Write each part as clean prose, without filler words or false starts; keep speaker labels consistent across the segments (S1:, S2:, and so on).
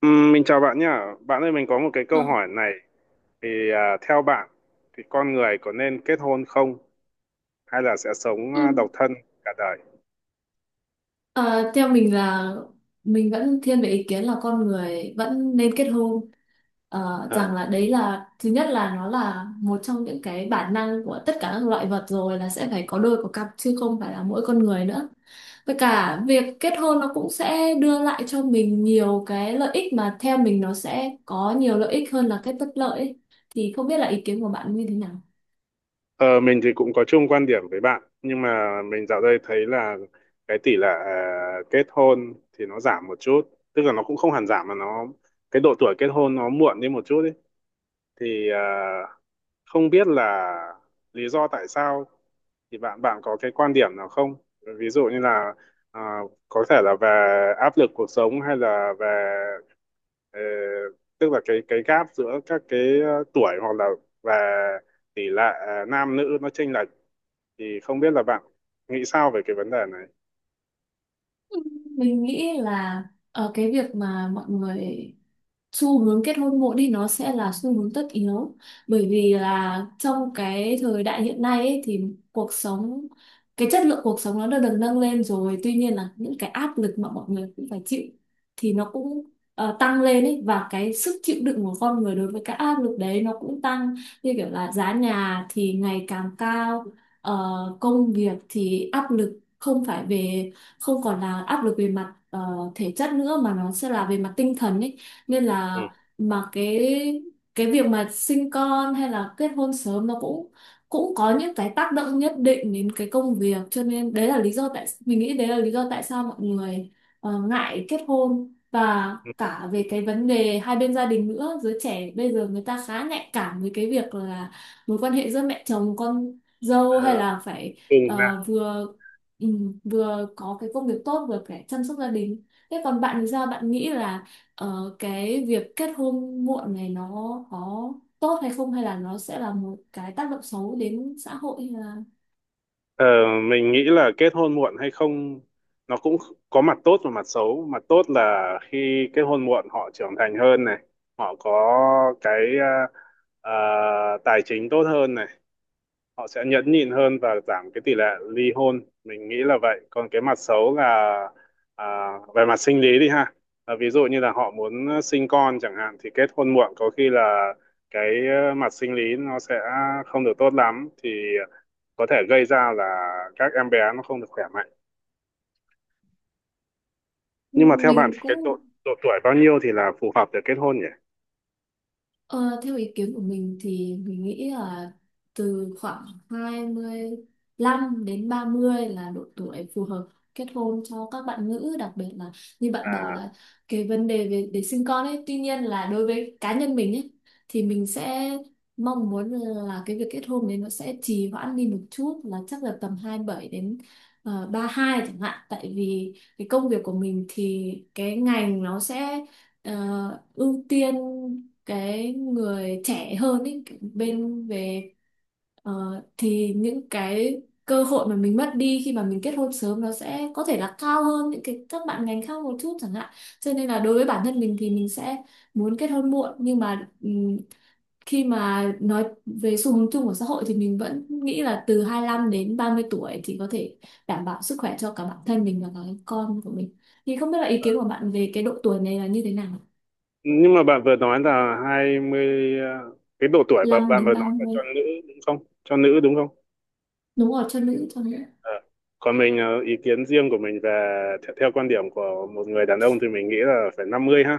S1: Mình chào bạn nhá. Bạn ơi, mình có một cái câu
S2: Vâng.
S1: hỏi này. Thì theo bạn, thì con người có nên kết hôn không? Hay là sẽ sống
S2: Ừ.
S1: độc thân cả đời?
S2: Ờ, Theo mình là mình vẫn thiên về ý kiến là con người vẫn nên kết hôn.
S1: À.
S2: Rằng là đấy là thứ nhất, là nó là một trong những cái bản năng của tất cả các loại vật rồi, là sẽ phải có đôi có cặp chứ không phải là mỗi con người nữa. Với cả việc kết hôn nó cũng sẽ đưa lại cho mình nhiều cái lợi ích, mà theo mình nó sẽ có nhiều lợi ích hơn là cái bất lợi ấy. Thì không biết là ý kiến của bạn như thế nào.
S1: Ờ, mình thì cũng có chung quan điểm với bạn. Nhưng mà mình dạo đây thấy là cái tỷ lệ kết hôn thì nó giảm một chút. Tức là nó cũng không hẳn giảm mà nó. Cái độ tuổi kết hôn nó muộn đi một chút ý. Thì không biết là lý do tại sao thì bạn bạn có cái quan điểm nào không? Ví dụ như là à, có thể là về áp lực cuộc sống hay là về ờ, tức là cái gap giữa các cái tuổi hoặc là về tỷ lệ nam nữ nó chênh lệch. Thì không biết là bạn nghĩ sao về cái vấn đề này?
S2: Mình nghĩ là cái việc mà mọi người xu hướng kết hôn muộn thì nó sẽ là xu hướng tất yếu, bởi vì là trong cái thời đại hiện nay ấy, thì cuộc sống, cái chất lượng cuộc sống nó đã được nâng lên rồi, tuy nhiên là những cái áp lực mà mọi người cũng phải chịu thì nó cũng tăng lên ấy, và cái sức chịu đựng của con người đối với cái áp lực đấy nó cũng tăng, như kiểu là giá nhà thì ngày càng cao, ờ, công việc thì áp lực, không phải về, không còn là áp lực về mặt thể chất nữa mà nó sẽ là về mặt tinh thần ấy, nên
S1: Ừ.
S2: là mà cái việc mà sinh con hay là kết hôn sớm nó cũng cũng có những cái tác động nhất định đến cái công việc, cho nên đấy là lý do tại mình nghĩ đấy là lý do tại sao mọi người ngại kết hôn. Và
S1: Ừ.
S2: cả về cái vấn đề hai bên gia đình nữa, giới trẻ bây giờ người ta khá nhạy cảm với cái việc là mối quan hệ giữa mẹ chồng con dâu,
S1: Ờ,
S2: hay là phải
S1: ừ.
S2: ờ, vừa vừa có cái công việc tốt vừa phải chăm sóc gia đình. Thế còn bạn thì sao, bạn nghĩ là cái việc kết hôn muộn này nó có tốt hay không, hay là nó sẽ là một cái tác động xấu đến xã hội hay là
S1: Ờ, mình nghĩ là kết hôn muộn hay không nó cũng có mặt tốt và mặt xấu. Mặt tốt là khi kết hôn muộn họ trưởng thành hơn này, họ có cái à, à, tài chính tốt hơn này, họ sẽ nhẫn nhịn hơn và giảm cái tỷ lệ ly hôn, mình nghĩ là vậy. Còn cái mặt xấu là à, về mặt sinh lý đi ha. Ví dụ như là họ muốn sinh con chẳng hạn thì kết hôn muộn có khi là cái mặt sinh lý nó sẽ không được tốt lắm thì có thể gây ra là các em bé nó không được khỏe mạnh. Nhưng mà theo bạn
S2: mình
S1: thì cái
S2: cũng
S1: độ độ tuổi bao nhiêu thì là phù hợp để kết hôn nhỉ?
S2: Ờ, theo ý kiến của mình thì mình nghĩ là từ khoảng 25 đến 30 là độ tuổi phù hợp kết hôn cho các bạn nữ, đặc biệt là như bạn bảo
S1: à
S2: là cái vấn đề về để sinh con ấy. Tuy nhiên là đối với cá nhân mình ấy thì mình sẽ mong muốn là cái việc kết hôn đấy nó sẽ trì hoãn đi một chút, là chắc là tầm 27 đến 32 chẳng hạn, tại vì cái công việc của mình thì cái ngành nó sẽ ưu tiên cái người trẻ hơn ấy, bên về ờ, thì những cái cơ hội mà mình mất đi khi mà mình kết hôn sớm nó sẽ có thể là cao hơn những cái các bạn ngành khác một chút chẳng hạn, cho nên là đối với bản thân mình thì mình sẽ muốn kết hôn muộn. Nhưng mà khi mà nói về xu hướng chung của xã hội thì mình vẫn nghĩ là từ 25 đến 30 tuổi thì có thể đảm bảo sức khỏe cho cả bản thân mình và cả cái con của mình. Thì không biết là ý kiến của bạn về cái độ tuổi này là như thế nào.
S1: nhưng mà bạn vừa nói là 20, cái độ tuổi mà
S2: Năm
S1: bạn
S2: đến
S1: vừa
S2: ba
S1: nói là
S2: mươi
S1: cho nữ đúng không, cho nữ đúng không?
S2: Đúng rồi, cho nữ, cho nữ.
S1: Ờ. Còn mình ý kiến riêng của mình về theo quan điểm của một người đàn ông thì mình nghĩ là phải 50 ha.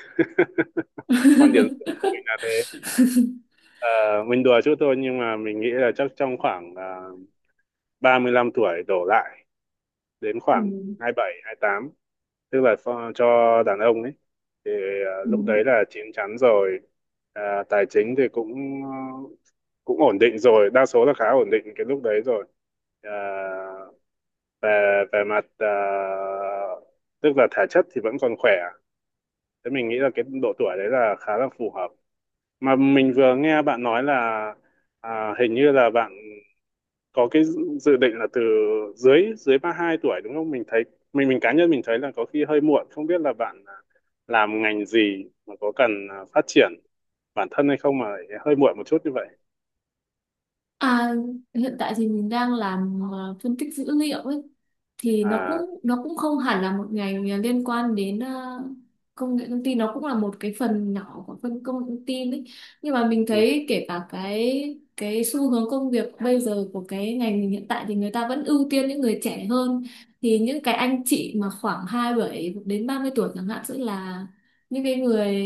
S1: Quan điểm riêng của mình là thế. Ờ, mình đùa chút thôi nhưng mà mình nghĩ là chắc trong khoảng uh, 35 tuổi đổ lại đến
S2: Ừ.
S1: khoảng hai 27, 28, tức là cho đàn ông ấy thì
S2: Ừ.
S1: lúc đấy là chín chắn rồi. Tài chính thì ờ, cũng ổn định rồi, đa số là khá ổn định cái lúc đấy rồi. Ờ, về về mặt tức là thể chất thì vẫn còn khỏe. Thế mình nghĩ là cái độ tuổi đấy là khá là phù hợp. Mà mình vừa nghe bạn nói là hình như là bạn có cái dự dự định là từ dưới dưới 32 tuổi đúng không? Mình thấy, mình cá nhân mình thấy là có khi hơi muộn. Không biết là bạn làm ngành gì mà có cần phát triển bản thân hay không mà lại hơi muộn một chút như vậy.
S2: À, hiện tại thì mình đang làm phân tích dữ liệu ấy, thì nó
S1: À.
S2: cũng không hẳn là một ngành liên quan đến công nghệ thông tin, nó cũng là một cái phần nhỏ của phân công nghệ thông tin ấy. Nhưng mà mình
S1: Ừ,
S2: thấy kể cả cái xu hướng công việc bây giờ của cái ngành mình hiện tại thì người ta vẫn ưu tiên những người trẻ hơn, thì những cái anh chị mà khoảng 27 đến 30 tuổi chẳng hạn sẽ là những cái người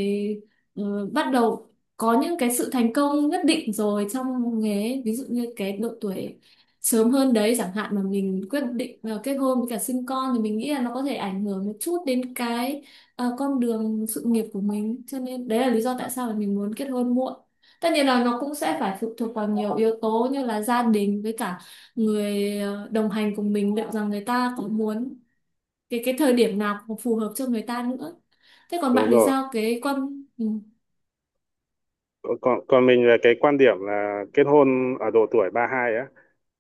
S2: bắt đầu có những cái sự thành công nhất định rồi trong nghề ấy. Ví dụ như cái độ tuổi sớm hơn đấy chẳng hạn mà mình quyết định kết hôn với cả sinh con thì mình nghĩ là nó có thể ảnh hưởng một chút đến cái con đường sự nghiệp của mình, cho nên đấy là lý do tại sao mà mình muốn kết hôn muộn. Tất nhiên là nó cũng sẽ phải phụ thuộc vào nhiều yếu tố như là gia đình, với cả người đồng hành cùng mình, liệu rằng người ta có muốn, cái thời điểm nào cũng phù hợp cho người ta nữa. Thế còn
S1: đúng
S2: bạn thì
S1: rồi.
S2: sao, cái con ừ.
S1: Còn còn mình về cái quan điểm là kết hôn ở độ tuổi 32 á,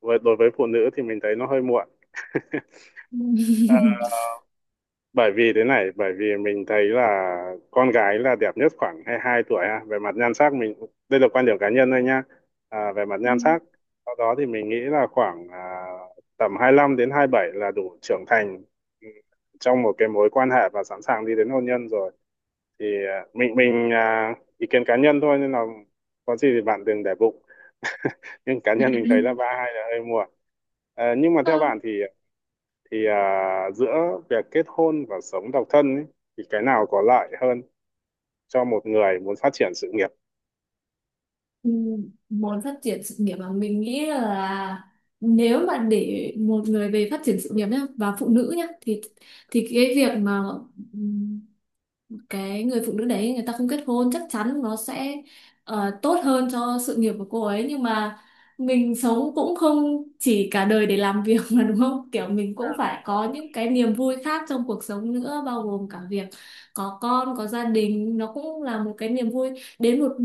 S1: với đối với phụ nữ thì mình thấy nó hơi muộn. Bởi vì thế này, bởi vì mình thấy là con gái là đẹp nhất khoảng 22 tuổi ha, về mặt nhan sắc. Mình, đây là quan điểm cá nhân thôi nha. Về mặt
S2: Ừ.
S1: nhan sắc, sau đó thì mình nghĩ là khoảng tầm 25 đến 27 là đủ trưởng thành ừ, trong một cái mối quan hệ và sẵn sàng đi đến hôn nhân rồi. Thì mình ý kiến cá nhân thôi nên là có gì thì bạn đừng để bụng. Nhưng cá nhân mình thấy là 32 là hơi muộn. Nhưng mà
S2: Ờ,
S1: theo bạn thì giữa việc kết hôn và sống độc thân ấy, thì cái nào có lợi hơn cho một người muốn phát triển sự nghiệp?
S2: Muốn phát triển sự nghiệp mà mình nghĩ là nếu mà để một người về phát triển sự nghiệp nhá, và phụ nữ nhá, thì cái việc mà ừ, cái người phụ nữ đấy người ta không kết hôn chắc chắn nó sẽ tốt hơn cho sự nghiệp của cô ấy. Nhưng mà mình sống cũng không chỉ cả đời để làm việc mà, đúng không, kiểu mình cũng
S1: à,
S2: phải
S1: vâng.
S2: có những cái niềm vui khác trong cuộc sống nữa, bao gồm cả việc có con có gia đình, nó cũng là một cái niềm vui. Đến một,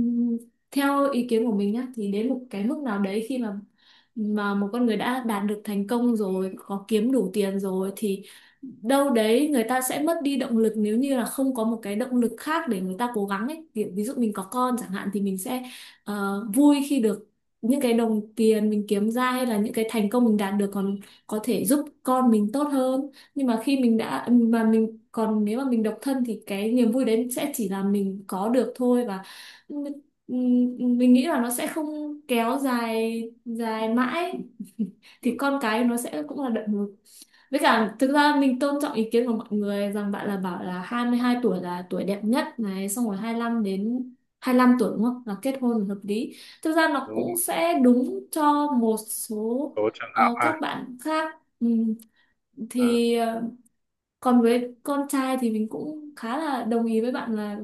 S2: theo ý kiến của mình nhá, thì đến một cái mức nào đấy khi mà một con người đã đạt được thành công rồi, có kiếm đủ tiền rồi, thì đâu đấy người ta sẽ mất đi động lực nếu như là không có một cái động lực khác để người ta cố gắng ấy. Kiểu ví dụ mình có con chẳng hạn thì mình sẽ vui khi được những cái đồng tiền mình kiếm ra hay là những cái thành công mình đạt được còn có thể giúp con mình tốt hơn. Nhưng mà khi mình đã, mà mình còn, nếu mà mình độc thân thì cái niềm vui đấy sẽ chỉ là mình có được thôi. Và m- mình nghĩ là nó sẽ không kéo dài dài mãi.
S1: Ừ,
S2: Thì con cái nó sẽ cũng là động lực. Với cả thực ra mình tôn trọng ý kiến của mọi người rằng bạn là bảo là 22 tuổi là tuổi đẹp nhất này, xong rồi 25 đến 25 tuổi đúng không là kết hôn là hợp lý. Thực ra nó
S1: đúng rồi.
S2: cũng sẽ đúng cho một số
S1: Số trường hợp
S2: các
S1: ha.
S2: bạn khác.
S1: à,
S2: Thì ờ, Còn với con trai thì mình cũng khá là đồng ý với bạn là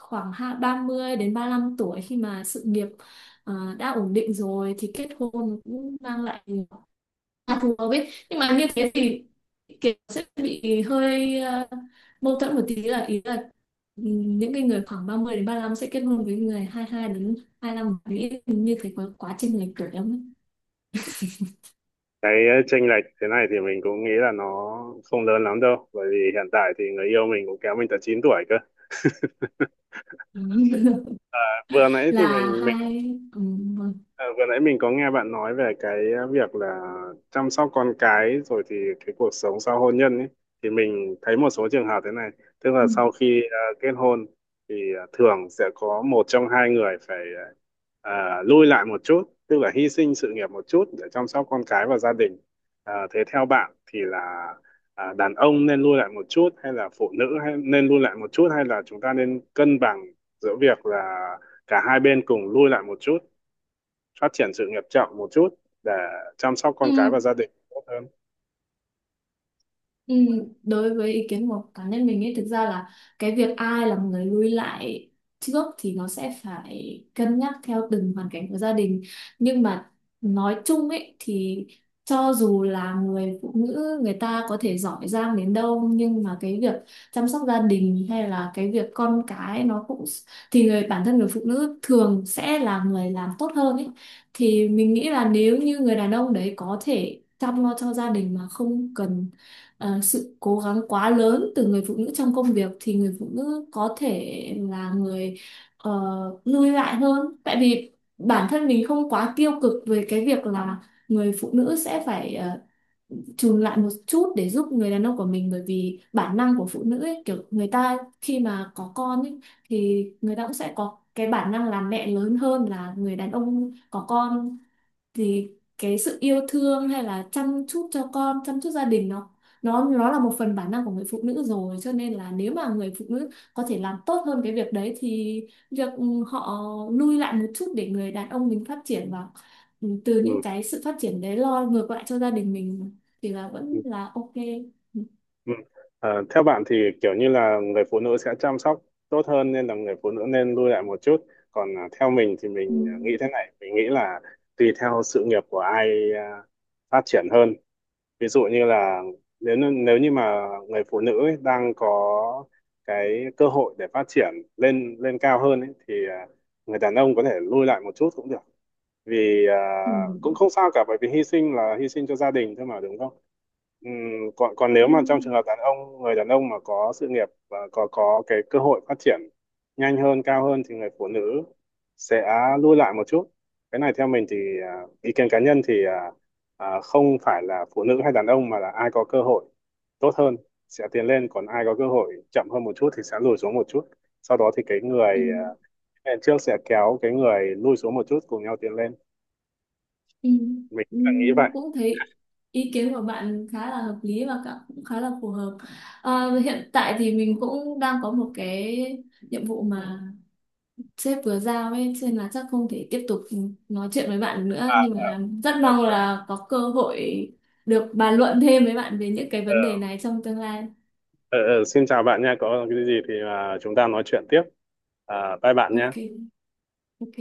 S2: khoảng 30 đến 35 tuổi khi mà sự nghiệp đã ổn định rồi thì kết hôn cũng mang lại, À, phù hợp ấy. Nhưng mà như thế thì kiểu sẽ bị hơi mâu thuẫn một tí, là ý là những cái người khoảng 30 đến 35 sẽ kết hôn với người 22 đến 25, nghĩ như thế có quá trình lệch tuổi lắm ấy.
S1: cái chênh lệch thế này thì mình cũng nghĩ là nó không lớn lắm đâu, bởi vì hiện tại thì người yêu mình cũng kéo mình tận 9 tuổi cơ. Vừa nãy thì
S2: Là
S1: mình.
S2: hai vâng.
S1: Ờ, Vừa nãy mình có nghe bạn nói về cái việc là chăm sóc con cái rồi thì cái cuộc sống sau hôn nhân ấy, thì mình thấy một số trường hợp thế này, tức là
S2: Ừm.
S1: sau khi kết hôn thì thường sẽ có một trong hai người phải ờ, lui lại một chút, tức là hy sinh sự nghiệp một chút để chăm sóc con cái và gia đình. Thế theo bạn thì là đàn ông nên lui lại một chút hay là phụ nữ hay nên lui lại một chút hay là chúng ta nên cân bằng giữa việc là cả hai bên cùng lui lại một chút, phát triển sự nghiệp chậm một chút để chăm sóc
S2: Ừ,
S1: con cái và gia đình tốt hơn?
S2: Ừ, đối với ý kiến của cá nhân mình ấy thực ra là cái việc ai là người lui lại trước thì nó sẽ phải cân nhắc theo từng hoàn cảnh của gia đình. Nhưng mà nói chung ấy thì cho dù là người phụ nữ người ta có thể giỏi giang đến đâu, nhưng mà cái việc chăm sóc gia đình hay là cái việc con cái nó cũng, thì người bản thân người phụ nữ thường sẽ là người làm tốt hơn ấy. Thì mình nghĩ là nếu như người đàn ông đấy có thể chăm lo cho gia đình mà không cần sự cố gắng quá lớn từ người phụ nữ trong công việc, thì người phụ nữ có thể là người ờ, lui lại hơn, tại vì bản thân mình không quá tiêu cực về cái việc là người phụ nữ sẽ phải chùn lại một chút để giúp người đàn ông của mình. Bởi vì bản năng của phụ nữ ấy, kiểu người ta khi mà có con ấy, thì người ta cũng sẽ có cái bản năng làm mẹ lớn hơn là người đàn ông có con. Thì cái sự yêu thương hay là chăm chút cho con, chăm chút gia đình, nó là một phần bản năng của người phụ nữ rồi, cho nên là nếu mà người phụ nữ có thể làm tốt hơn cái việc đấy thì việc họ lui lại một chút để người đàn ông mình phát triển, và từ
S1: Ừ.
S2: những cái sự phát triển đấy lo ngược lại cho gia đình mình, thì là
S1: Ừ.
S2: vẫn là ok. Ừ.
S1: Ừ. Theo bạn thì kiểu như là người phụ nữ sẽ chăm sóc tốt hơn nên là người phụ nữ nên lui lại một chút. Còn theo mình thì
S2: Ừ.
S1: mình nghĩ thế này, mình nghĩ là tùy theo sự nghiệp của ai à, phát triển hơn. Ví dụ như là nếu nếu như mà người phụ nữ ấy đang có cái cơ hội để phát triển lên lên cao hơn ấy, thì người đàn ông có thể lui lại một chút cũng được, vì
S2: Ừ.
S1: cũng không sao cả, bởi vì hy sinh là hy sinh cho gia đình thôi mà đúng không? Ừm, Còn còn nếu
S2: Ừ.
S1: mà trong trường hợp đàn ông, người đàn ông mà có sự nghiệp và có cái cơ hội phát triển nhanh hơn, cao hơn thì người phụ nữ sẽ lùi lại một chút. Cái này theo mình thì ý kiến cá nhân thì không phải là phụ nữ hay đàn ông mà là ai có cơ hội tốt hơn sẽ tiến lên, còn ai có cơ hội chậm hơn một chút thì sẽ lùi xuống một chút, sau đó thì cái
S2: Ừ.
S1: người trước sẽ kéo cái người lùi xuống một chút cùng nhau tiến lên.
S2: Ừ,
S1: Mình
S2: ừ,
S1: cũng nghĩ vậy.
S2: cũng thấy ý kiến của bạn khá là hợp lý và cũng khá là phù hợp. Ờ, hiện tại thì mình cũng đang có một cái nhiệm vụ mà sếp vừa giao ấy, cho nên là chắc không thể tiếp tục nói chuyện với bạn nữa,
S1: À,
S2: nhưng mà
S1: ok,
S2: rất mong
S1: ok.
S2: là có cơ hội được bàn luận thêm với bạn về những cái
S1: ờ,
S2: vấn đề này trong tương lai.
S1: ờ, Xin chào bạn nha, có cái gì thì chúng ta nói chuyện tiếp. Bye bạn nha.
S2: Ok, ok.